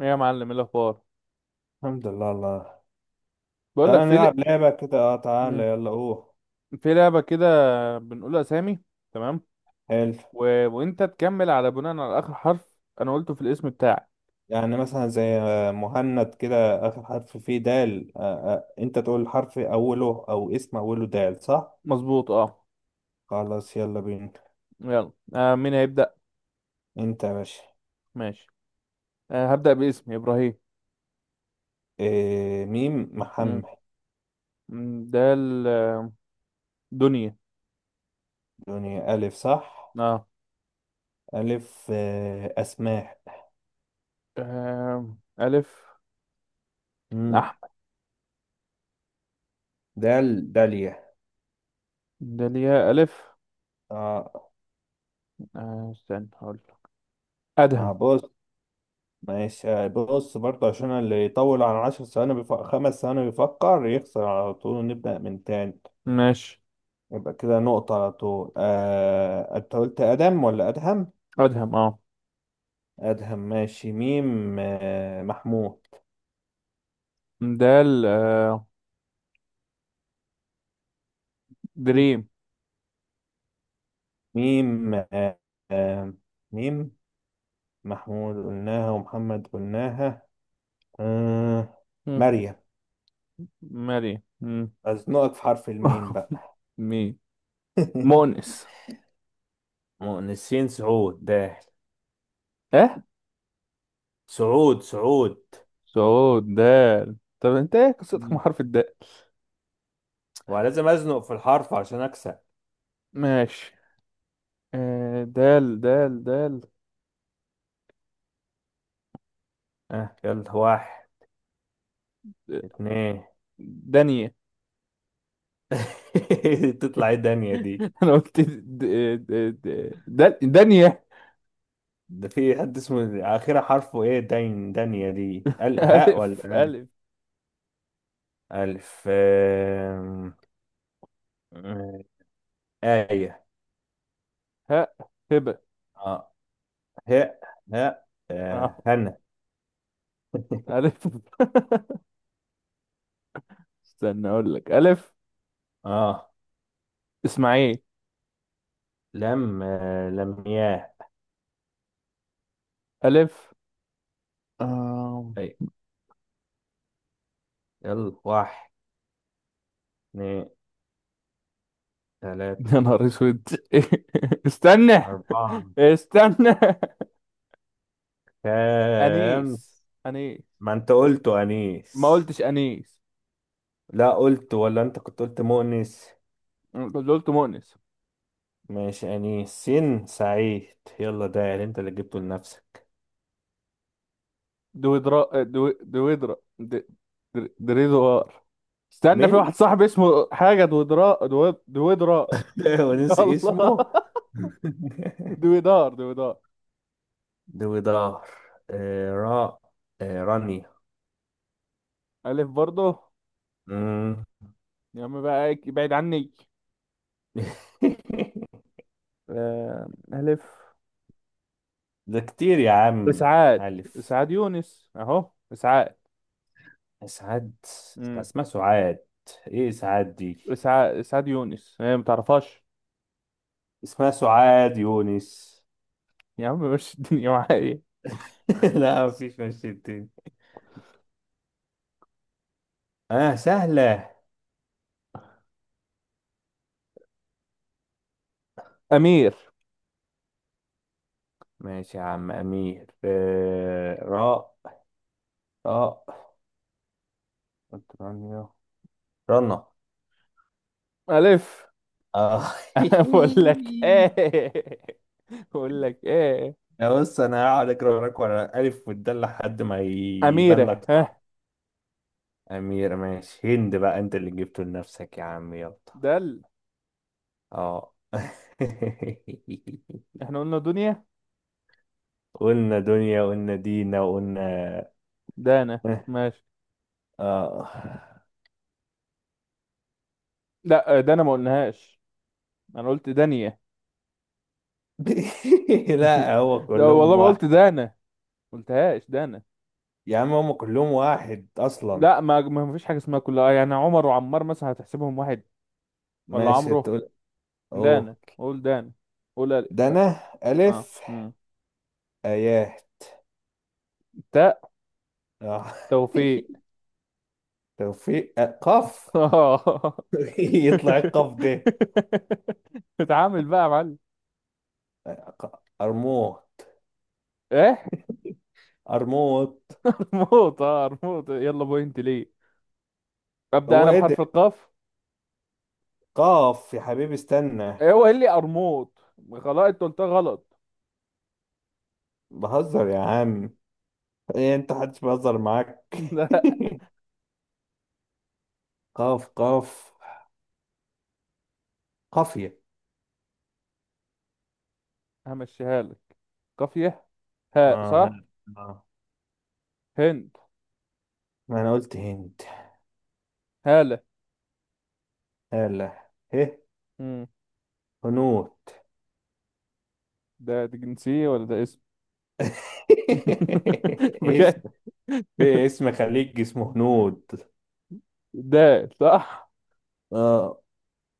ايه يا معلم، ايه الاخبار؟ الحمد لله. الله، بقول لك تعالى نلعب لعبة كده. اه مم. تعالى، يلا. في لعبه كده، بنقول اسامي. تمام. حلو. و... وانت تكمل على بناء على اخر حرف انا قلته في الاسم بتاعي. يعني مثلا زي مهند كده، آخر حرف فيه دال. آه. أنت تقول حرف أوله أو اسم أوله دال، صح؟ مظبوط اه. خلاص، يلا بينا. يلا مين هيبدا؟ أنت يا باشا. ماشي هبدا باسمي ابراهيم. ميم، مم. محمد. مم، ده ال- آه، دنيا. دنيا، ألف صح؟ اه ألف. أسماء. الف. مم. احمد. دال، داليا. داليا الف. اه. استنى هقول لك. مع ادهم. بص. ماشي، بص برضه عشان اللي يطول عن 10 ثواني بيفكر، 5 ثواني بيفكر، يخسر على طول ونبدأ من تاني. ماشي يبقى كده نقطة على طول. انت قلت ادم ولا ادهم؟ ادهم اه. ادهم، ماشي. ميم، محمود. ده ال- آه، دريم. ميم آه، ميم. محمود قلناها ومحمد قلناها. آه، مم. مريم. مريم. مم. أزنقك في حرف الميم بقى. مين مؤنث؟ مؤنسين، سعود داخل. اه. سعود، سعود. صعود دال. طب انت ايه قصتك مع مم. حرف الدال؟ ولازم أزنق في الحرف عشان أكسب. ماشي دال دال دال. يلا. واحد، اتنين. دانية. تطلع ايه دنيا دي؟ انا قلت دال دانية. ده في حد اسمه آخرها حرفه إيه؟ داين، دانيا دي، ال هاء ولا الف ألف؟ الف. ألف. آم، آم، آية. هاء هبة. آه هاء. هاء، اه هنا. الف. استنى اقول لك الف. آه اسماعيل لم آه لمياه. الف. آم، طيب، يلا. واحد، اتنين، تلاتة، يا نهار اسود. استنى. أربعة، استنى. انيس خمس. انيس. ما أنت قلت ما أنيس. قلتش انيس. لا قلت، ولا أنت كنت قلت مؤنس. اللي قلت مؤنس. ماشي، أنيس، سين، سعيد. يلا، ده أنت اللي جبته لنفسك. دويدرا دو... دويدرا د... در- دريدوار. استنى، في من؟ واحد صاحبي اسمه حاجة. دويدرار. هو نسي الله. اسمه. دويدار دويدار. دوي دار. راء. رانيا. ألف برضه. مم. يا عم بقى إيه، بعيد عني. ألف. ده كتير يا عم. إسعاد. ألف. إسعاد يونس أهو إسعاد. سعاد. امم اسمها سعاد؟ ايه سعاد دي؟ إسعاد. إسعاد يونس، هي ما تعرفهاش. اسمها سعاد يونس. يا عم مش الدنيا معايا. لا، مفيش مشي تاني. اه، سهلة. أمير ماشي يا عم، أمير. راء. راء، رانيا، رنا. ألف. اه. بقول لك إيه. بقول لك إيه. يا، بص، انا هقعد اقرا وراك ورا الف والدال لحد ما يبان أميرة لك، ها. صح. امير، ماشي. هند بقى، انت اللي جبته لنفسك يا عم. يلا. دل. اه. احنا قلنا دنيا. قلنا دنيا، قلنا دينا، وقلنا. دانا ماشي. اه. لا، دانا ما قلناهاش. انا قلت دانية. لا، هو ده والله كلهم ما قلت واحد. دانا. قلتهاش دانا. يا عم، هم كلهم واحد اصلا. لا، ما فيش حاجة اسمها كلها، يعني عمر وعمار مثلا هتحسبهم واحد؟ ولا ماشي، عمرو. تقول. اوه دانا، قول دانا. قول ألف ده انا. بقى. اه الف. مم. اياه. تاء. اه، توفيق. توفيق. قاف. اه. يطلع القاف ده. اتعامل بقى يا معلم. أرموت، ايه. أرموت. موت موت. يلا بوينت ليه. ابدا هو انا إيه بحرف ده؟ القاف. قاف يا حبيبي، استنى. إيه هو قال لي قرموط؟ خلاص انت قلتها غلط. بهزر يا عم. إيه، أنت محدش بيهزر معاك. لا. قاف، قاف. قافية. همشيها لك. قافية. هاء صح. هلا. آه هند. ما أنا قلت هند. هالة. هلا، إيه، مم. هنود. ده دي جنسية ولا ده اسم؟ اسم. بجد؟ في اسم خليج اسمه هنود. ده صح. آه.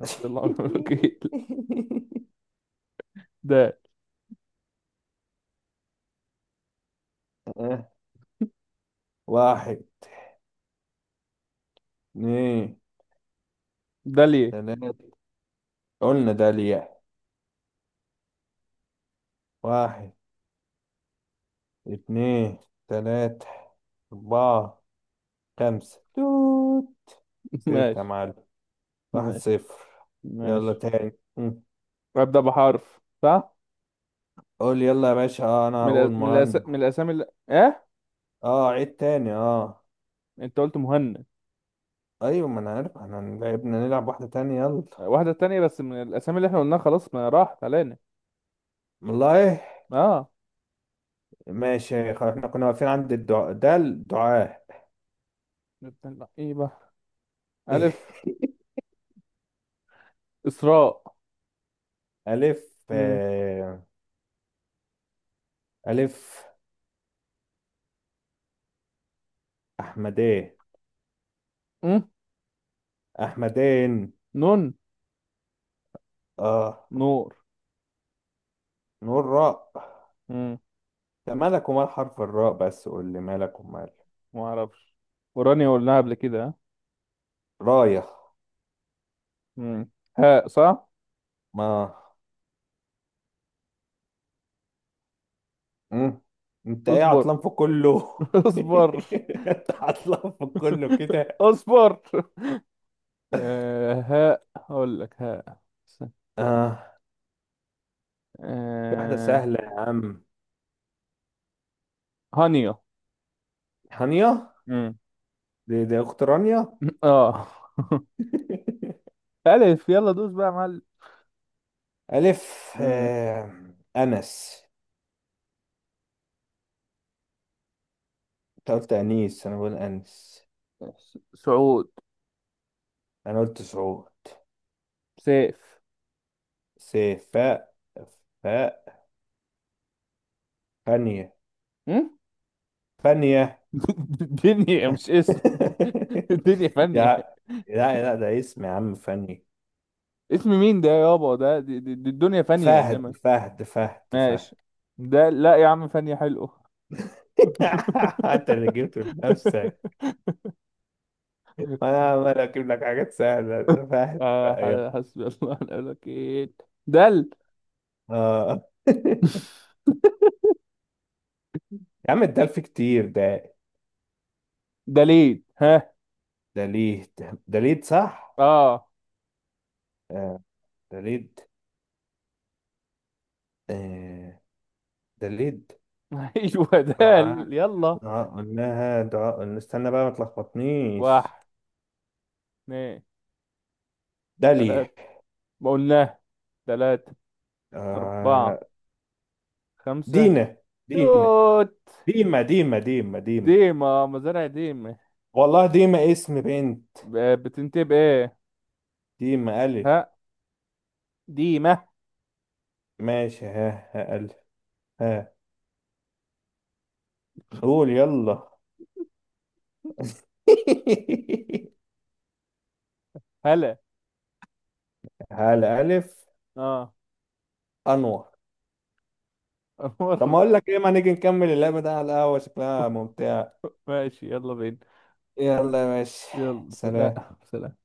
حسبي الله ونعم الوكيل. ده. آه. واحد، اتنين، ده ليه؟ تلاتة. قلنا ده ليه. واحد، اتنين، تلاتة، أربعة، خمسة، توت. صفر يا ماشي معلم. واحد ماشي صفر يلا ماشي. تاني. مم. أبدأ بحرف صح. قول يلا يا باشا. اه، أنا هقول مهند. من الأسامي اللي... إيه. اه، عيد تاني. اه. أنت قلت مهند. أيوة، ما أنا عارف احنا لعبنا. نلعب واحدة تانية، يلا. واحدة تانية بس من الأسامي اللي إحنا قلناها، خلاص ما راحت علينا. والله. آه. ماشي، خلاص. احنا كنا واقفين عند الدعاء. ده الدعاء. نبدأ بقى إيه بقى؟ ألف. إسراء. ألف. مم. آه. ألف. أحمدين. مم. أحمدين. نون. اه، نور. نقول راء. مم. ده مالك ومال حرف الراء؟ بس قول لي، مالك ومال. ما أعرفش. ورانيا قلناها قبل كده ها؟ راية. مم. هاء صح. ما. مم. انت ايه، اصبر. عطلان في كله. اصبر. انت عطلان في كله كده. اصبر هاء هقول لك هاء. اه، في واحدة آه. سهلة يا عم. هانيا. هانية. مم. دي اخت رانيا. اه. ألف، يلا دوس بقى يا معلم. الف. مم. آه. انس. انت قلت انيس، انا بقول انس. سعود. انا قلت سعود. سيف. سيف، فاء. فاء، فانية. مم؟ فانية. دنيا مش اسم. الدنيا فانية. يا. لا، لا، ده اسم يا عم. فاني، اسم مين ده يابا؟ ده دي الدنيا فانية فهد، انما. فهد، فهد، فهد. ماشي. ده لا يا عم، فني حلو. انت اللي جبته لنفسك انا عمال اجيب لك حاجات سهله، فاهم؟ آه، بقى يلا. حسبي الله ونعم الوكيل. دل. اه. يا عم، الدلف كتير ده. دليل ها. دليد. دليد صح. اه. آه، دليد. آه، دليد. ايوه دال دعاء. يلا. دعاء قلناها. دعاء، استنى بقى، ما تلخبطنيش. واحد اثنين دلي. ثلاثة. ما قلناه. ثلاثة آه، أربعة خمسة دينا. دينا، توت. ديما، ديما، ديما، ديما. ديما مزارع ديما. والله ديما اسم بنت. ب- بتنتهي بإيه؟ ديما، ألف. ها. ديما. ماشي، ها، ها، ألف. ها، قول يلا. هلا. على ألف. اه. أنور. طب، ما مر. أقول لك إيه، ما نيجي نكمل اللعبة ده على القهوة، شكلها ممتع. ماشي يلا بينا. يلا يا باشا. يلا سلام. سلام. سلام.